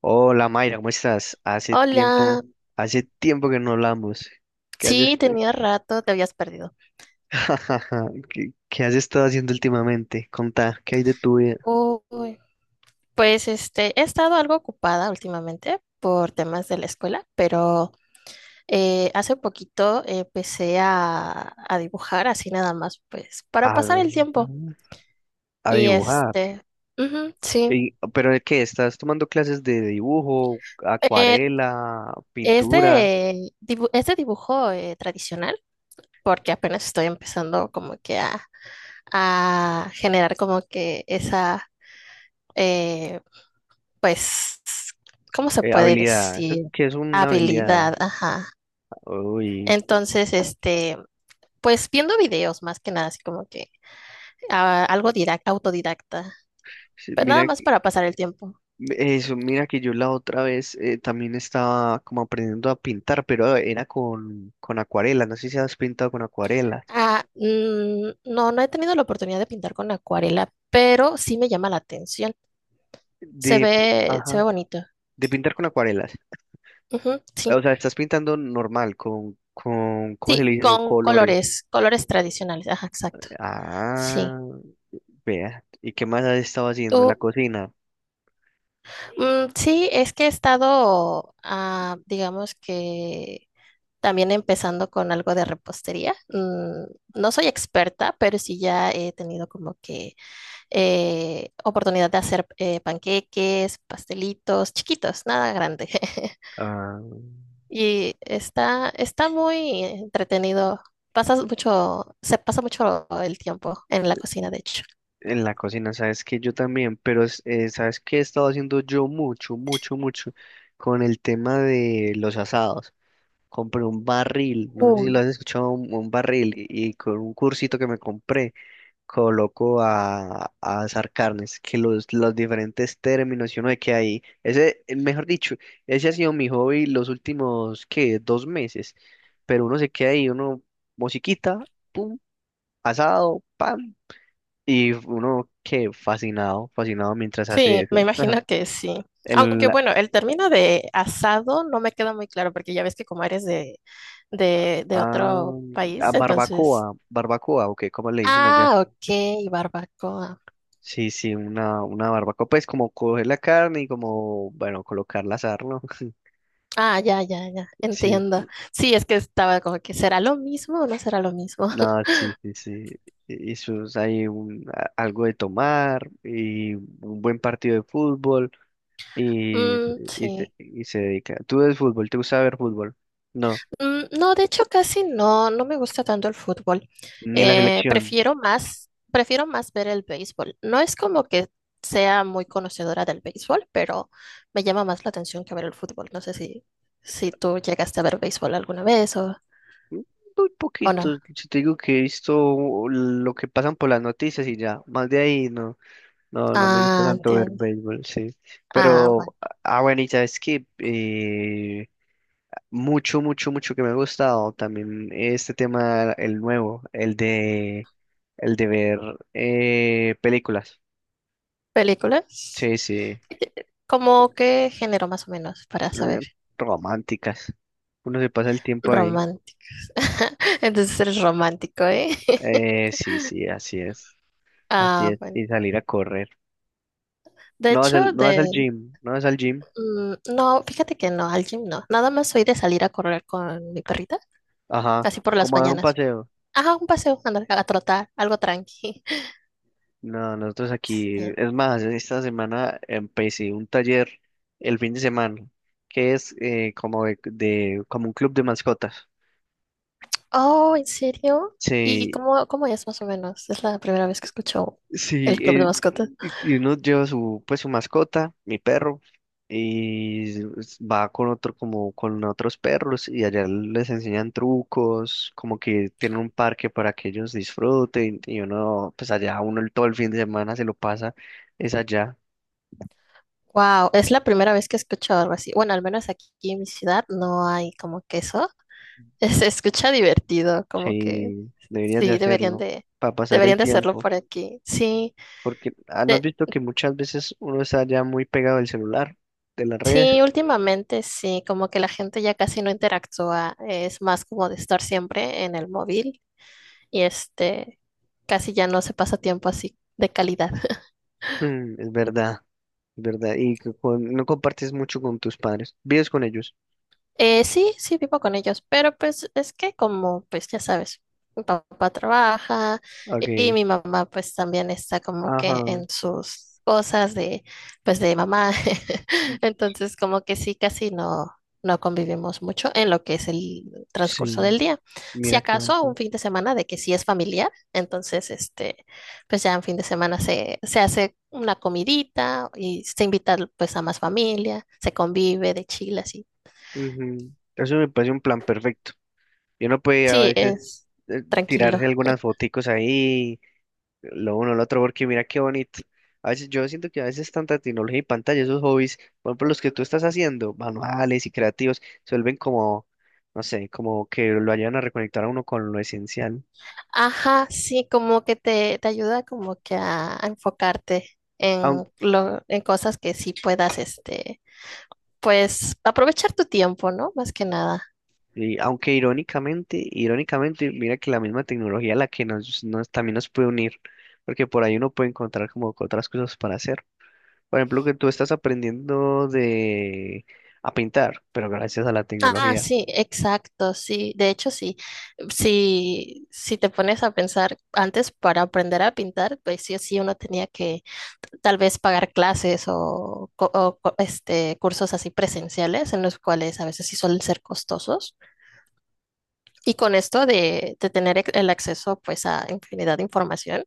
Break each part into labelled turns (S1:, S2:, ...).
S1: Hola Mayra, ¿cómo estás? Hace
S2: Hola,
S1: tiempo, hace tiempo que no hablamos. ¿Qué has, est-
S2: sí, tenía rato, te habías perdido.
S1: ¿Qué has estado haciendo últimamente? Contá, ¿qué hay de tu vida?
S2: Uy, pues he estado algo ocupada últimamente por temas de la escuela, pero hace poquito empecé a dibujar así nada más, pues para
S1: A,
S2: pasar el tiempo.
S1: a
S2: Y
S1: dibujar.
S2: este, ujú, sí.
S1: ¿Pero de qué? ¿Estás tomando clases de dibujo,
S2: Eh,
S1: acuarela,
S2: es
S1: pintura,
S2: es de dibujo tradicional, porque apenas estoy empezando como que a generar como que esa... eh, pues, ¿cómo se puede
S1: habilidad? ¿Eso
S2: decir?
S1: ¿Qué es una habilidad?
S2: Habilidad, ajá.
S1: Uy,
S2: Entonces, este, pues viendo videos más que nada, así como que ah, autodidacta,
S1: sí,
S2: pero nada
S1: mira.
S2: más para pasar el tiempo.
S1: Eso, mira que yo la otra vez, también estaba como aprendiendo a pintar, pero era con acuarela. No sé si has pintado con acuarelas.
S2: Ah, mm, no, no he tenido la oportunidad de pintar con acuarela, pero sí me llama la atención. Se
S1: De,
S2: ve, se ve
S1: ajá,
S2: bonito.
S1: de pintar con acuarelas.
S2: Ujú,
S1: O
S2: sí,
S1: sea, estás pintando normal, ¿cómo se
S2: sí,
S1: le dice eso?
S2: con
S1: Colores.
S2: colores, colores tradicionales, ajá, exacto. Sí.
S1: Ah, vea. ¿Y qué más has estado haciendo en la
S2: ¿Tú,
S1: cocina?
S2: mm, sí, es que he estado, ah, digamos que también empezando con algo de repostería. Mm, no soy experta, pero sí ya he tenido como que oportunidad de hacer panqueques, pastelitos, chiquitos, nada grande.
S1: Ah,
S2: Y está muy entretenido. Se pasa mucho el tiempo en la cocina, de hecho.
S1: en la cocina, sabes que yo también, pero sabes que he estado haciendo yo mucho, mucho, mucho con el tema de los asados. Compré un barril, no sé si lo has escuchado, un barril, y con un cursito que me compré, coloco a asar carnes, que los diferentes términos y uno de que hay, ese, mejor dicho, ese ha sido mi hobby los últimos, ¿qué? Dos meses, pero uno se queda ahí, uno, musiquita, pum, asado, pam, y uno, que fascinado, fascinado mientras hace
S2: Sí, me
S1: eso.
S2: imagino que sí. Aunque
S1: El,
S2: bueno, el término de asado no me queda muy claro porque ya ves que como eres de
S1: ah,
S2: otro país, entonces...
S1: barbacoa, barbacoa, ¿o qué? ¿Cómo le dicen allá?
S2: Ah, ok, barbacoa.
S1: Sí, sí, una barbacoa, pues como coger la carne y como, bueno, colocarla a asar, ¿no?
S2: Ah, ya, ya, ya,
S1: Sí,
S2: entiendo. Sí, es que estaba como que será lo mismo o no será lo mismo.
S1: no, sí, sí, sí. Y eso es ahí un, algo de tomar y un buen partido de fútbol y,
S2: Mm, sí.
S1: y se dedica. ¿Tú ves fútbol? ¿Te gusta ver fútbol? No,
S2: Mm, no, de hecho casi no, no me gusta tanto el fútbol.
S1: ni la selección.
S2: Prefiero más ver el béisbol. No es como que sea muy conocedora del béisbol, pero me llama más la atención que ver el fútbol. No sé si, Si tú llegaste a ver béisbol alguna vez
S1: Mm, muy
S2: o no.
S1: poquito, si te digo que he visto lo que pasan por las noticias y ya, más de ahí, no. No, no me gusta
S2: Ah,
S1: tanto ver
S2: entiendo.
S1: béisbol, sí.
S2: Ah, bueno.
S1: Pero, ah, bueno, y sabes que, mucho, mucho, mucho que me ha gustado también este tema, el nuevo, el de ver películas.
S2: ¿Películas?
S1: Sí, sí,
S2: ¿Cómo qué género más o menos para saber?
S1: románticas. Uno se pasa el tiempo ahí.
S2: Románticos. Entonces eres romántico, ¿eh?
S1: Sí, sí, así es, así
S2: Ah,
S1: es.
S2: bueno.
S1: Y salir a correr.
S2: De hecho, de,
S1: No vas al gym.
S2: mm, no, fíjate que no, al gym no. Nada más soy de salir a correr con mi perrita,
S1: Ajá,
S2: así por las
S1: como a dar un
S2: mañanas.
S1: paseo.
S2: Ajá, un paseo, andar a trotar, algo tranqui.
S1: No, nosotros aquí,
S2: Sí.
S1: es más, esta semana empecé un taller el fin de semana, que es, como como un club de mascotas.
S2: Oh, ¿en serio? ¿Y
S1: Sí,
S2: cómo, cómo es más o menos? Es la primera vez que escucho
S1: sí,
S2: el club de mascotas.
S1: y uno lleva su, pues su mascota, mi perro, y va con otro, como con otros perros, y allá les enseñan trucos, como que tienen un parque para que ellos disfruten, y uno, pues allá uno todo el fin de semana se lo pasa, es allá.
S2: Wow, es la primera vez que escucho algo así. Bueno, al menos aquí en mi ciudad no hay como que eso. Se escucha divertido, como que
S1: Sí, deberías de
S2: sí,
S1: hacerlo para pasar
S2: deberían
S1: el
S2: de hacerlo
S1: tiempo,
S2: por aquí. Sí.
S1: porque ah, ¿no has visto que muchas veces uno está ya muy pegado al celular, de la red?
S2: Sí, últimamente sí, como que la gente ya casi no interactúa, es más como de estar siempre en el móvil y este, casi ya no se pasa tiempo así de calidad.
S1: Mm, es verdad, es verdad, y que no compartes mucho con tus padres, vives con ellos.
S2: Sí, sí, vivo con ellos, pero pues es que como, pues ya sabes, mi papá trabaja
S1: Ok,
S2: y mi mamá pues también está como que
S1: ajá,
S2: en sus cosas de, pues de mamá.
S1: mm,
S2: Entonces como que sí, casi no, no convivimos mucho en lo que es el transcurso
S1: sí,
S2: del día. Si
S1: mira qué
S2: acaso
S1: bonito.
S2: un fin de semana de que sí es familiar, entonces este, pues ya en fin de semana se hace una comidita y se invita pues a más familia, se convive de chill así.
S1: Ujú, eso me parece un plan perfecto. Y uno puede a
S2: Sí,
S1: veces,
S2: es tranquilo.
S1: tirarse algunas foticos ahí. Lo uno, lo otro, porque mira qué bonito. A veces yo siento que a veces tanta tecnología y pantalla, esos hobbies, por ejemplo, los que tú estás haciendo, manuales y creativos, se vuelven como, no sé, como que lo ayudan a reconectar a uno con lo esencial.
S2: Ajá, sí, como que te ayuda como que a enfocarte
S1: Aun-
S2: en lo, en cosas que sí puedas, este, pues aprovechar tu tiempo, ¿no? Más que nada.
S1: y aunque irónicamente, mira que la misma tecnología la que nos también nos puede unir, porque por ahí uno puede encontrar como que otras cosas para hacer. Por ejemplo, que tú estás aprendiendo de a pintar, pero gracias a la
S2: Ah,
S1: tecnología.
S2: sí, exacto, sí. De hecho, sí. Si, si te pones a pensar antes para aprender a pintar, pues sí o sí uno tenía que tal vez pagar clases o este, cursos así presenciales en los cuales a veces sí suelen ser costosos. Y con esto de tener el acceso pues a infinidad de información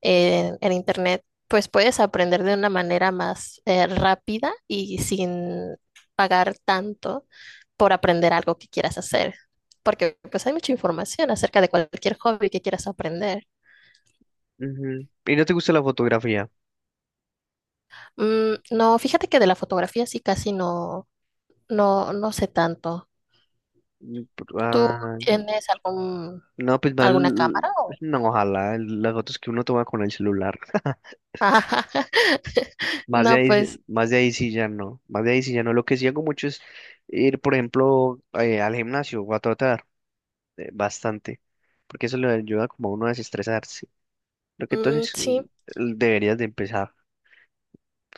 S2: en Internet, pues puedes aprender de una manera más rápida y sin pagar tanto por aprender algo que quieras hacer. Porque pues hay mucha información acerca de cualquier hobby que quieras aprender.
S1: Ujú. ¿Y no te gusta la fotografía?
S2: Mm, no, fíjate que de la fotografía sí casi no, no, no sé tanto.
S1: Mm,
S2: ¿Tú
S1: ah, ya.
S2: tienes algún,
S1: No, pues más,
S2: alguna cámara o...?
S1: no, ojalá las fotos que uno toma con el celular.
S2: No, pues
S1: Más de ahí sí ya no, más de ahí sí ya no. Lo que sí hago mucho es ir, por ejemplo, al gimnasio o a trotar, bastante, porque eso le ayuda como a uno a desestresarse. Lo que
S2: mm,
S1: entonces
S2: sí,
S1: mm, deberías de empezar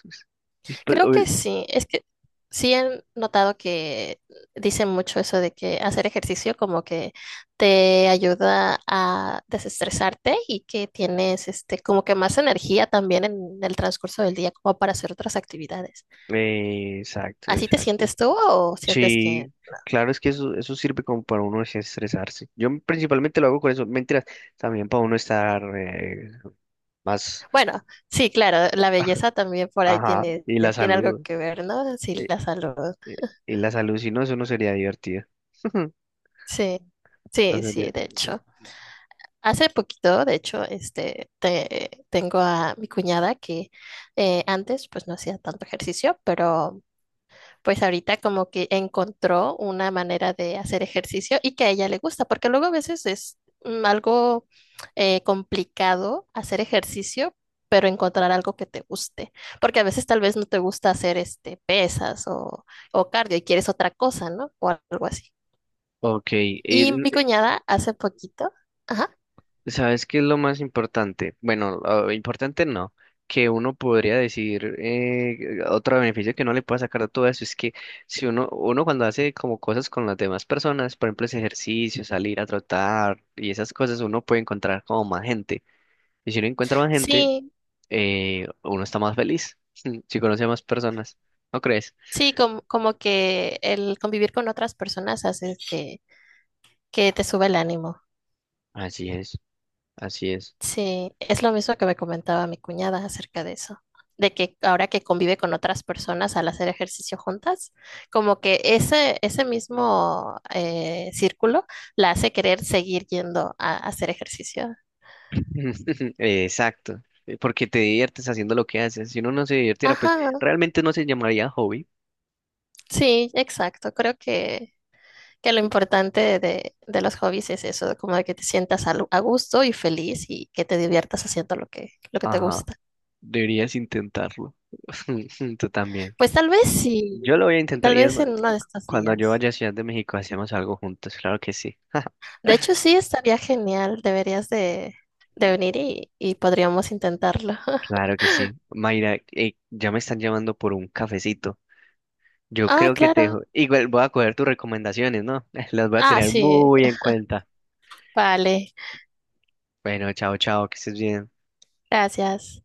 S1: pues. Y pues,
S2: creo que sí, es que sí he notado que dicen mucho eso de que hacer ejercicio como que te ayuda a desestresarte y que tienes este como que más energía también en el transcurso del día como para hacer otras actividades.
S1: exacto,
S2: ¿Así te
S1: exacto.
S2: sientes tú o sientes que,
S1: Sí, claro, es que eso sirve como para uno desestresarse. Yo principalmente lo hago con eso, mentiras, también para uno estar, más,
S2: bueno, sí, claro, la belleza también por ahí
S1: ajá,
S2: tiene, tiene algo que ver, ¿no? Sí,
S1: eh,
S2: la salud.
S1: eh, y la salud, si no, eso no sería divertido.
S2: Sí,
S1: No
S2: sí,
S1: sería-
S2: sí, de hecho. Hace poquito, de hecho, este, tengo a mi cuñada que antes pues no hacía tanto ejercicio, pero pues ahorita como que encontró una manera de hacer ejercicio y que a ella le gusta, porque luego a veces es mm, algo complicado hacer ejercicio, pero encontrar algo que te guste, porque a veces tal vez no te gusta hacer este, pesas o cardio y quieres otra cosa, ¿no? O algo así.
S1: Ok,
S2: Y mi cuñada hace poquito, ajá.
S1: ¿sabes qué es lo más importante? Bueno, ah, importante no, que uno podría decir, otro beneficio que no le pueda sacar a todo eso es que si uno, uno cuando hace como cosas con las demás personas, por ejemplo, ese ejercicio, salir a trotar y esas cosas, uno puede encontrar como más gente. Y si uno encuentra más gente,
S2: Sí,
S1: uno está más feliz, si conoce a más personas, ¿no crees?
S2: sí, como, como que el convivir con otras personas hace que te sube el ánimo.
S1: Así es, así es.
S2: Sí, es lo mismo que me comentaba mi cuñada acerca de eso, de que ahora que convive con otras personas al hacer ejercicio juntas, como que ese mismo círculo la hace querer seguir yendo a hacer ejercicio.
S1: Exacto, porque te diviertes haciendo lo que haces. Si uno no se divirtiera, pues
S2: Ajá,
S1: realmente no se llamaría hobby.
S2: sí, exacto, creo que lo importante de los hobbies es eso, como de que te sientas a, gusto y feliz y que te diviertas haciendo lo que te
S1: Ajá,
S2: gusta.
S1: deberías intentarlo. Tú también.
S2: Pues tal vez sí,
S1: Yo lo voy a intentar
S2: tal
S1: y es
S2: vez
S1: más,
S2: en uno de estos
S1: cuando yo
S2: días.
S1: vaya a Ciudad de México hacemos algo juntos. Claro que sí,
S2: De hecho, sí, estaría genial. Deberías de venir y podríamos intentarlo.
S1: claro que sí. Mayra, ya me están llamando por un cafecito. Yo
S2: Ah,
S1: creo que te
S2: claro.
S1: dejo. Igual voy a coger tus recomendaciones, ¿no? Las voy a
S2: Ah,
S1: tener
S2: sí.
S1: muy en cuenta.
S2: Vale.
S1: Bueno, chao, chao, que estés bien.
S2: Gracias.